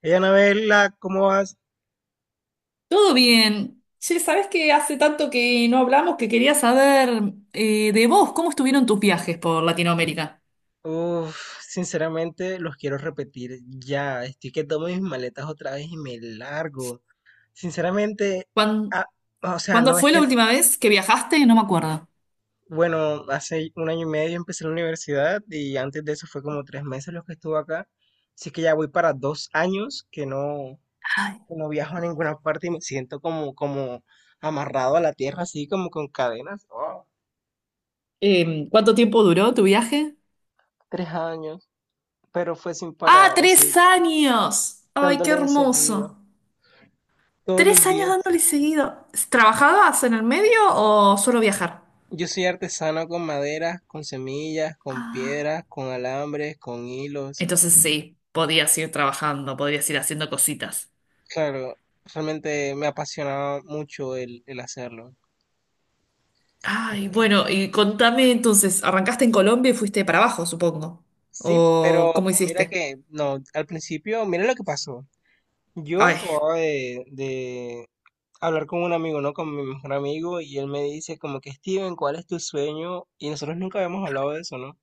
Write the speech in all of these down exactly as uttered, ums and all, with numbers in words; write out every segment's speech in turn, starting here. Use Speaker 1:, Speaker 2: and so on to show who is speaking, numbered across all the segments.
Speaker 1: Hey, Anabela, ¿cómo vas?
Speaker 2: Todo bien. Che, sabés que hace tanto que no hablamos que quería saber eh, de vos, ¿cómo estuvieron tus viajes por Latinoamérica?
Speaker 1: Uf, sinceramente los quiero repetir ya. Estoy que tomo mis maletas otra vez y me largo. Sinceramente,
Speaker 2: ¿Cuán-
Speaker 1: ah, o sea,
Speaker 2: ¿Cuándo
Speaker 1: no es
Speaker 2: fue la
Speaker 1: que,
Speaker 2: última vez que viajaste? No me acuerdo.
Speaker 1: bueno, hace un año y medio empecé la universidad y antes de eso fue como tres meses los que estuve acá. Así que ya voy para dos años que no,
Speaker 2: Ay.
Speaker 1: que no viajo a ninguna parte y me siento como, como amarrado a la tierra, así como con cadenas. Wow,
Speaker 2: Em, ¿cuánto tiempo duró tu viaje?
Speaker 1: tres años, pero fue sin
Speaker 2: ¡Ah,
Speaker 1: parar, así,
Speaker 2: tres años! ¡Ay, qué
Speaker 1: dándole de
Speaker 2: hermoso!
Speaker 1: seguido. Todos los
Speaker 2: Tres años
Speaker 1: días.
Speaker 2: dándole seguido. ¿Trabajabas en el medio o solo viajar?
Speaker 1: Yo soy artesano con maderas, con semillas, con piedras, con alambres, con hilos.
Speaker 2: Entonces sí, podías ir trabajando, podías ir haciendo cositas.
Speaker 1: Claro, realmente me apasionaba mucho el, el hacerlo.
Speaker 2: Ay,
Speaker 1: Extraño.
Speaker 2: bueno, y contame entonces, ¿arrancaste en Colombia y fuiste para abajo, supongo?
Speaker 1: Sí,
Speaker 2: ¿O
Speaker 1: pero
Speaker 2: cómo
Speaker 1: mira
Speaker 2: hiciste?
Speaker 1: que, no, al principio, mira lo que pasó. Yo
Speaker 2: Ay.
Speaker 1: acababa de, de hablar con un amigo, ¿no? Con mi mejor amigo, y él me dice como que, Steven, ¿cuál es tu sueño? Y nosotros nunca habíamos hablado de eso, ¿no?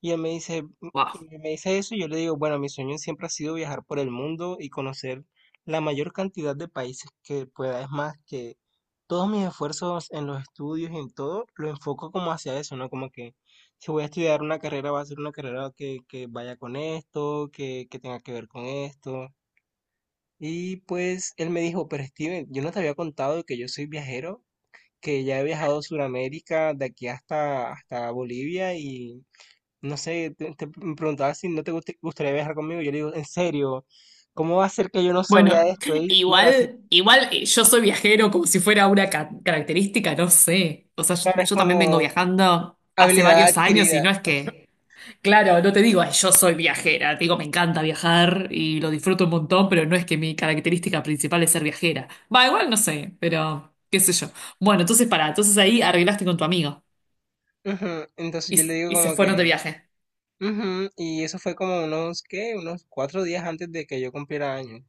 Speaker 1: Y él me dice,
Speaker 2: Wow.
Speaker 1: y me dice eso, y yo le digo, bueno, mi sueño siempre ha sido viajar por el mundo y conocer la mayor cantidad de países que pueda. Es más, que todos mis esfuerzos en los estudios y en todo, lo enfoco como hacia eso, ¿no? Como que si voy a estudiar una carrera, va a ser una carrera que, que vaya con esto, que, que tenga que ver con esto. Y pues él me dijo, pero Steven, yo no te había contado que yo soy viajero, que ya he viajado a Sudamérica, de aquí hasta, hasta Bolivia y no sé, te, te- me preguntaba si no te guste- gustaría viajar conmigo. Yo le digo, en serio, ¿cómo va a ser que yo no sabía
Speaker 2: Bueno,
Speaker 1: esto? Y mira, si
Speaker 2: igual, igual eh, yo soy viajero como si fuera una ca- característica, no sé. O sea, yo,
Speaker 1: claro, es
Speaker 2: yo también vengo
Speaker 1: como
Speaker 2: viajando hace
Speaker 1: habilidad
Speaker 2: varios años y
Speaker 1: adquirida.
Speaker 2: no es que... Claro, no te digo, "Ay, yo soy viajera", te digo, me encanta viajar y lo disfruto un montón, pero no es que mi característica principal es ser viajera. Va, igual no sé, pero qué sé yo. Bueno, entonces para, entonces ahí arreglaste con tu amigo
Speaker 1: Ujú. Entonces yo le
Speaker 2: y,
Speaker 1: digo
Speaker 2: y se
Speaker 1: como
Speaker 2: fueron de
Speaker 1: que,
Speaker 2: viaje.
Speaker 1: "Ujú". Y eso fue como unos, ¿qué? Unos cuatro días antes de que yo cumpliera años.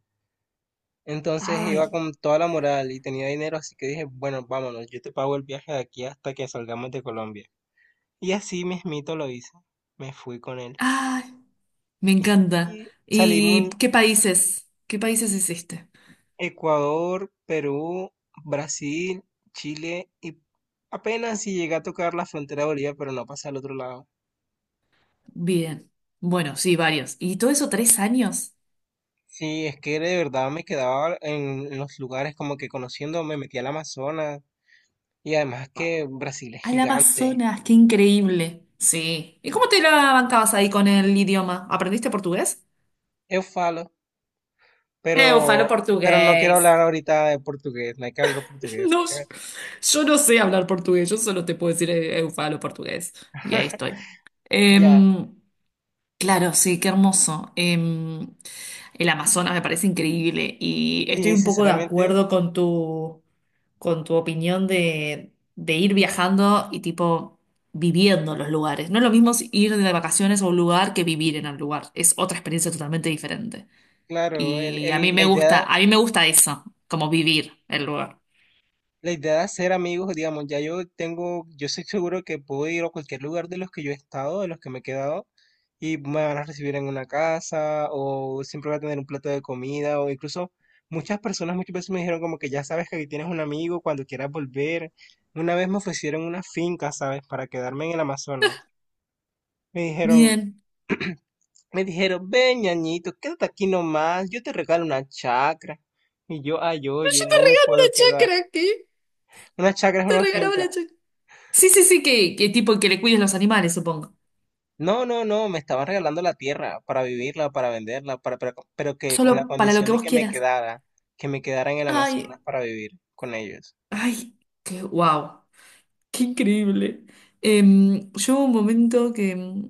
Speaker 1: Entonces iba
Speaker 2: Ay.
Speaker 1: con toda la moral y tenía dinero, así que dije, bueno, vámonos, yo te pago el viaje de aquí hasta que salgamos de Colombia. Y así mismito lo hice. Me fui con él.
Speaker 2: Ay, me encanta.
Speaker 1: Y
Speaker 2: ¿Y
Speaker 1: salimos,
Speaker 2: qué países? ¿Qué países hiciste?
Speaker 1: Ecuador, Perú, Brasil, Chile y apenas si llegué a tocar la frontera de Bolivia, pero no pasé al otro lado.
Speaker 2: Bien. Bueno, sí, varios. ¿Y todo eso tres años?
Speaker 1: Sí, es que de verdad me quedaba en los lugares como que conociendo, me metí al Amazonas y además que
Speaker 2: Wow.
Speaker 1: Brasil es
Speaker 2: Al
Speaker 1: gigante.
Speaker 2: Amazonas, qué increíble. Sí. ¿Y cómo te la bancabas ahí con el idioma? ¿Aprendiste portugués?
Speaker 1: Eu falo,
Speaker 2: Eu falo
Speaker 1: pero pero no quiero
Speaker 2: portugués.
Speaker 1: hablar ahorita de portugués, no hay que hablar portugués, hay
Speaker 2: No,
Speaker 1: que
Speaker 2: yo no sé hablar portugués, yo solo te puedo decir eh, eu falo portugués. Y ahí estoy.
Speaker 1: ya,
Speaker 2: Em, claro, sí, qué hermoso. Em, El Amazonas me parece increíble y estoy
Speaker 1: sí,
Speaker 2: un poco de
Speaker 1: sinceramente,
Speaker 2: acuerdo con tu, con tu opinión de, de ir viajando y tipo viviendo los lugares. No es lo mismo si ir de vacaciones a un lugar que vivir en el lugar. Es otra experiencia totalmente diferente.
Speaker 1: claro, el,
Speaker 2: Y a mí
Speaker 1: el- la
Speaker 2: me gusta,
Speaker 1: idea
Speaker 2: a mí me gusta eso, como vivir el lugar.
Speaker 1: la idea de hacer amigos, digamos, ya yo tengo, yo estoy seguro que puedo ir a cualquier lugar de los que yo he estado, de los que me he quedado, y me van a recibir en una casa, o siempre voy a tener un plato de comida, o incluso muchas personas muchas veces me dijeron como que ya sabes que aquí tienes un amigo cuando quieras volver. Una vez me ofrecieron una finca, ¿sabes? Para quedarme en el Amazonas. Me dijeron,
Speaker 2: Bien.
Speaker 1: me dijeron, ven, ñañito, quédate aquí nomás, yo te regalo una chacra. Y yo, ay,
Speaker 2: Pero yo
Speaker 1: oye,
Speaker 2: te
Speaker 1: no me
Speaker 2: regalo
Speaker 1: puedo
Speaker 2: una
Speaker 1: quedar.
Speaker 2: chacra aquí.
Speaker 1: Una chacra es
Speaker 2: Te
Speaker 1: una
Speaker 2: regalaba
Speaker 1: finca.
Speaker 2: la chacra. Sí, sí, sí, que, que tipo que le cuides los animales, supongo.
Speaker 1: No, no, no, Me estaban regalando la tierra para vivirla, para venderla, para, pero, pero que con la
Speaker 2: Solo para lo
Speaker 1: condición
Speaker 2: que
Speaker 1: de
Speaker 2: vos
Speaker 1: que me
Speaker 2: quieras.
Speaker 1: quedara, que me quedara en el Amazonas
Speaker 2: Ay.
Speaker 1: para vivir con ellos.
Speaker 2: Ay, qué wow, qué increíble. Em, yo hubo un momento que em,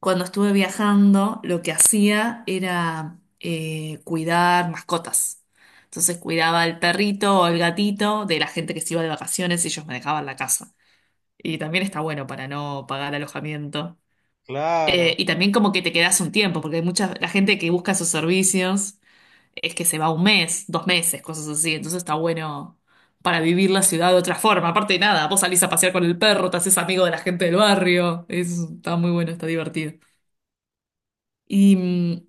Speaker 2: cuando estuve viajando, lo que hacía era eh, cuidar mascotas. Entonces cuidaba al perrito o el gatito de la gente que se iba de vacaciones y ellos me dejaban la casa. Y también está bueno para no pagar alojamiento.
Speaker 1: Claro.
Speaker 2: Eh, y también como que te quedas un tiempo, porque hay mucha la gente que busca esos servicios es que se va un mes, dos meses, cosas así. Entonces está bueno para vivir la ciudad de otra forma. Aparte de nada, vos salís a pasear con el perro, te haces amigo de la gente del barrio. Es, está muy bueno, está divertido. Y mm,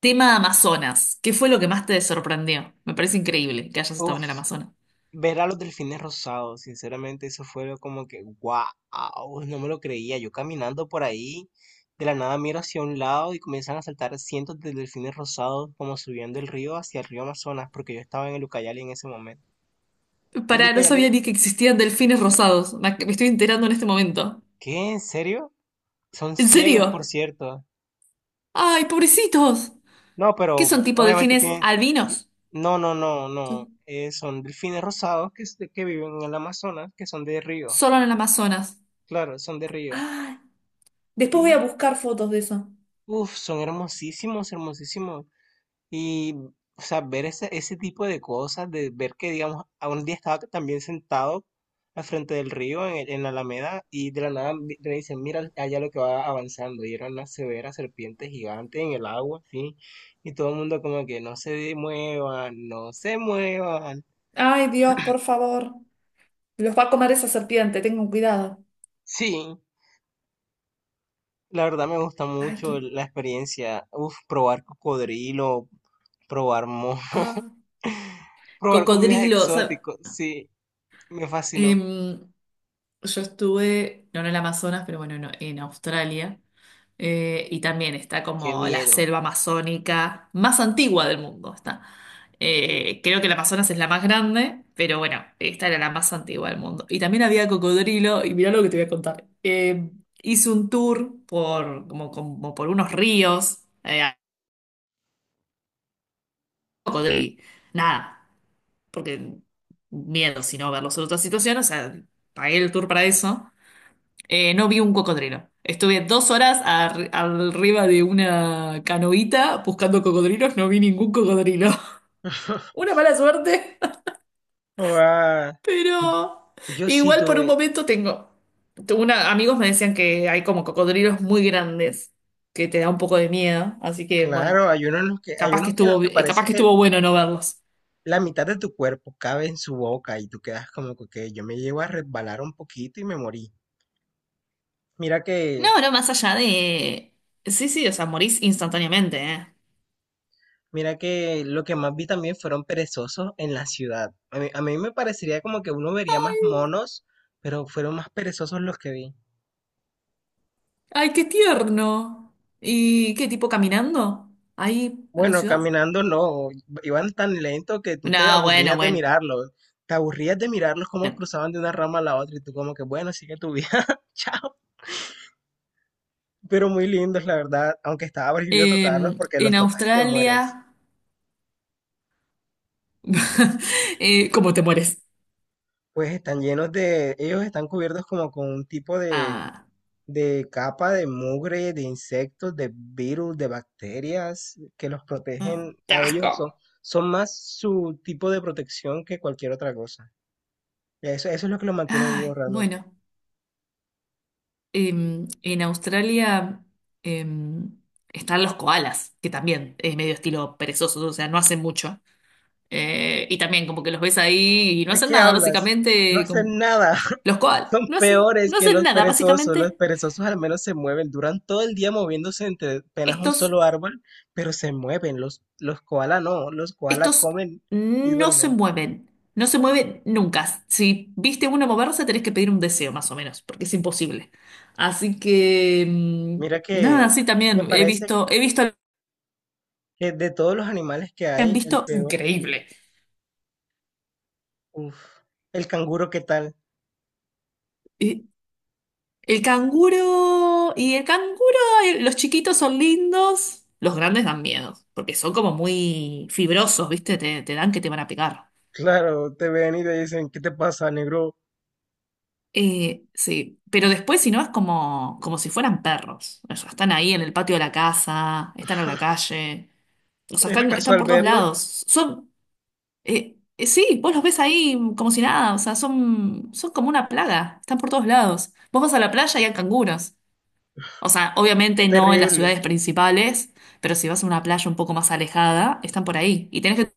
Speaker 2: tema Amazonas. ¿Qué fue lo que más te sorprendió? Me parece increíble que hayas estado en
Speaker 1: Uf,
Speaker 2: el Amazonas.
Speaker 1: ver a los delfines rosados, sinceramente, eso fue lo como que, wow, no me lo creía. Yo caminando por ahí, de la nada miro hacia un lado y comienzan a saltar cientos de delfines rosados como subiendo el río hacia el río Amazonas, porque yo estaba en el Ucayali en ese momento. ¿Y el
Speaker 2: Para, no
Speaker 1: Ucayali?
Speaker 2: sabía ni que existían delfines rosados. Me ac- me estoy enterando en este momento.
Speaker 1: ¿Qué? ¿En serio? Son
Speaker 2: ¿En
Speaker 1: ciegos, por
Speaker 2: serio?
Speaker 1: cierto.
Speaker 2: ¡Ay, pobrecitos!
Speaker 1: No,
Speaker 2: ¿Qué
Speaker 1: pero
Speaker 2: son tipo
Speaker 1: obviamente
Speaker 2: delfines
Speaker 1: tiene...
Speaker 2: albinos?
Speaker 1: No, no, no, no.
Speaker 2: Sí.
Speaker 1: Eh, son delfines rosados que, es de- que viven en el Amazonas, que son de río.
Speaker 2: Solo en el Amazonas.
Speaker 1: Claro, son de río.
Speaker 2: Ay, después voy a
Speaker 1: Y,
Speaker 2: buscar fotos de eso.
Speaker 1: uff, son hermosísimos, hermosísimos. Y, o sea, ver ese, ese tipo de cosas, de ver que, digamos, a un día estaba también sentado al frente del río, en, el- en la Alameda, y de la nada vi- me dicen, mira allá lo que va avanzando, y era una severa serpiente gigante en el agua, sí, y todo el mundo como que no se muevan, no se muevan.
Speaker 2: Ay, Dios, por favor. Los va a comer esa serpiente, tengan cuidado.
Speaker 1: Sí, la verdad me gusta
Speaker 2: Ay,
Speaker 1: mucho
Speaker 2: qué...
Speaker 1: la experiencia, uf, probar cocodrilo, probar mo,
Speaker 2: ah.
Speaker 1: probar comidas
Speaker 2: Cocodrilo, o sea,
Speaker 1: exóticas, sí, me fascinó,
Speaker 2: em, yo estuve, no no en el Amazonas, pero bueno, no, en Australia, eh, y también está
Speaker 1: qué
Speaker 2: como la
Speaker 1: miedo.
Speaker 2: selva amazónica más antigua del mundo, está. Eh, creo que el Amazonas es la más grande, pero bueno, esta era la más antigua del mundo. Y también había cocodrilo, y mirá lo que te voy a contar. Em, hice un tour por, como, como por unos ríos. Eh, cocodrilo nada, porque miedo, si no verlos en otra situación, o sea, pagué el tour para eso. Eh, no vi un cocodrilo. Estuve dos horas ar- arriba de una canoita buscando cocodrilos, no vi ningún cocodrilo. Una mala suerte,
Speaker 1: Ah,
Speaker 2: pero
Speaker 1: yo sí
Speaker 2: igual por un
Speaker 1: tuve,
Speaker 2: momento tengo. tuve Una, amigos me decían que hay como cocodrilos muy grandes, que te da un poco de miedo, así que bueno,
Speaker 1: claro, hay unos en los que, hay
Speaker 2: capaz que
Speaker 1: unos que en
Speaker 2: estuvo,
Speaker 1: los que
Speaker 2: bi- capaz
Speaker 1: parece
Speaker 2: que
Speaker 1: que
Speaker 2: estuvo bueno no verlos.
Speaker 1: la mitad de tu cuerpo cabe en su boca y tú quedas como que "Ok, yo me llevo a resbalar un poquito y me morí. Mira que,
Speaker 2: No, no, más allá de... Sí, sí, o sea, morís instantáneamente, ¿eh?
Speaker 1: mira que lo que más vi también fueron perezosos en la ciudad. A mí, a mí me parecería como que uno vería más monos, pero fueron más perezosos los que vi.
Speaker 2: Ay, qué tierno. ¿Y qué tipo caminando? Ahí en la
Speaker 1: Bueno,
Speaker 2: ciudad.
Speaker 1: caminando no, iban tan lento que tú te
Speaker 2: No, bueno,
Speaker 1: aburrías de
Speaker 2: bueno.
Speaker 1: mirarlos. Te aburrías de mirarlos cómo cruzaban de una rama a la otra y tú como que, bueno, sigue tu vida, chao. Pero muy lindos, la verdad, aunque estaba prohibido tocarlos
Speaker 2: Em,
Speaker 1: porque
Speaker 2: en
Speaker 1: los tocas y te
Speaker 2: Australia,
Speaker 1: mueres.
Speaker 2: eh, ¿cómo te mueres?
Speaker 1: Pues están llenos de, ellos están cubiertos como con un tipo de,
Speaker 2: Ah.
Speaker 1: de capa de mugre, de insectos, de virus, de bacterias que los
Speaker 2: Mm,
Speaker 1: protegen.
Speaker 2: ¡qué
Speaker 1: A ellos son,
Speaker 2: asco!
Speaker 1: son más su tipo de protección que cualquier otra cosa. Eso, eso es lo que los mantiene
Speaker 2: Ay,
Speaker 1: vivos realmente.
Speaker 2: bueno. Em, en Australia em, están los koalas, que también es medio estilo perezosos, o sea, no hacen mucho. Eh, y también como que los ves ahí y no
Speaker 1: ¿De
Speaker 2: hacen
Speaker 1: qué
Speaker 2: nada,
Speaker 1: hablas? No
Speaker 2: básicamente, como...
Speaker 1: hacen nada.
Speaker 2: los koalas
Speaker 1: Son
Speaker 2: no hacen,
Speaker 1: peores
Speaker 2: no
Speaker 1: que
Speaker 2: hacen
Speaker 1: los
Speaker 2: nada,
Speaker 1: perezosos. Los
Speaker 2: básicamente.
Speaker 1: perezosos al menos se mueven. Duran todo el día moviéndose entre apenas un
Speaker 2: Estos,
Speaker 1: solo árbol, pero se mueven. Los, los koala no. Los koala
Speaker 2: estos
Speaker 1: comen y
Speaker 2: no se
Speaker 1: duermen.
Speaker 2: mueven, no se mueven nunca. Si viste uno moverse, tenés que pedir un deseo, más o menos, porque es imposible. Así que, mm,
Speaker 1: Mira
Speaker 2: nada,
Speaker 1: que
Speaker 2: sí,
Speaker 1: me
Speaker 2: también he
Speaker 1: parece
Speaker 2: visto, he visto,
Speaker 1: que de todos los animales que
Speaker 2: han
Speaker 1: hay, el
Speaker 2: visto,
Speaker 1: peor.
Speaker 2: increíble.
Speaker 1: Uf. El canguro, ¿qué tal?
Speaker 2: Eh, El canguro y el canguro, eh, los chiquitos son lindos, los grandes dan miedo, porque son como muy fibrosos, ¿viste? Te, te dan que te van a pegar.
Speaker 1: Claro, te ven y te dicen, ¿qué te pasa, negro?
Speaker 2: Eh, sí, pero después si no es como, como si fueran perros. O sea, están ahí en el patio de la casa, están en la calle, o sea,
Speaker 1: Es re
Speaker 2: están, están
Speaker 1: casual
Speaker 2: por todos
Speaker 1: verlos.
Speaker 2: lados. Son, eh, eh, sí, vos los ves ahí como si nada, o sea, son, son como una plaga, están por todos lados. Vos vas a la playa y hay canguros. O sea,
Speaker 1: Qué
Speaker 2: obviamente no en las
Speaker 1: terrible.
Speaker 2: ciudades principales, pero si vas a una playa un poco más alejada, están por ahí. Y tenés que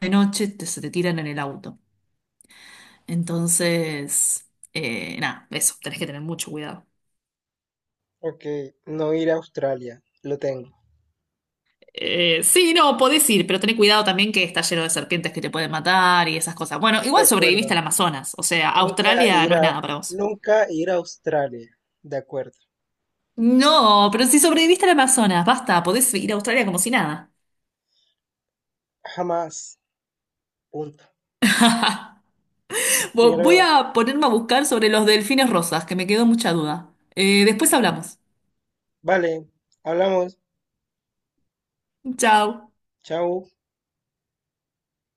Speaker 2: de noche, te- se te tiran en el auto. Entonces, eh, nada, eso, tenés que tener mucho cuidado.
Speaker 1: Ok, no ir a Australia. Lo tengo.
Speaker 2: Eh, sí, no, podés ir, pero tenés cuidado también que está lleno de serpientes que te pueden matar y esas cosas. Bueno,
Speaker 1: De
Speaker 2: igual sobreviviste
Speaker 1: acuerdo.
Speaker 2: al Amazonas, o sea,
Speaker 1: Nunca
Speaker 2: Australia
Speaker 1: ir
Speaker 2: no es
Speaker 1: a,
Speaker 2: nada para vos.
Speaker 1: nunca ir a Australia. De acuerdo.
Speaker 2: No, pero si sobreviviste al Amazonas, basta, podés ir a Australia como si nada.
Speaker 1: Jamás. Punto.
Speaker 2: Vo- Voy
Speaker 1: Quiero.
Speaker 2: a ponerme a buscar sobre los delfines rosas, que me quedó mucha duda. Eh, después hablamos.
Speaker 1: Vale. Hablamos.
Speaker 2: Chao.
Speaker 1: Chao.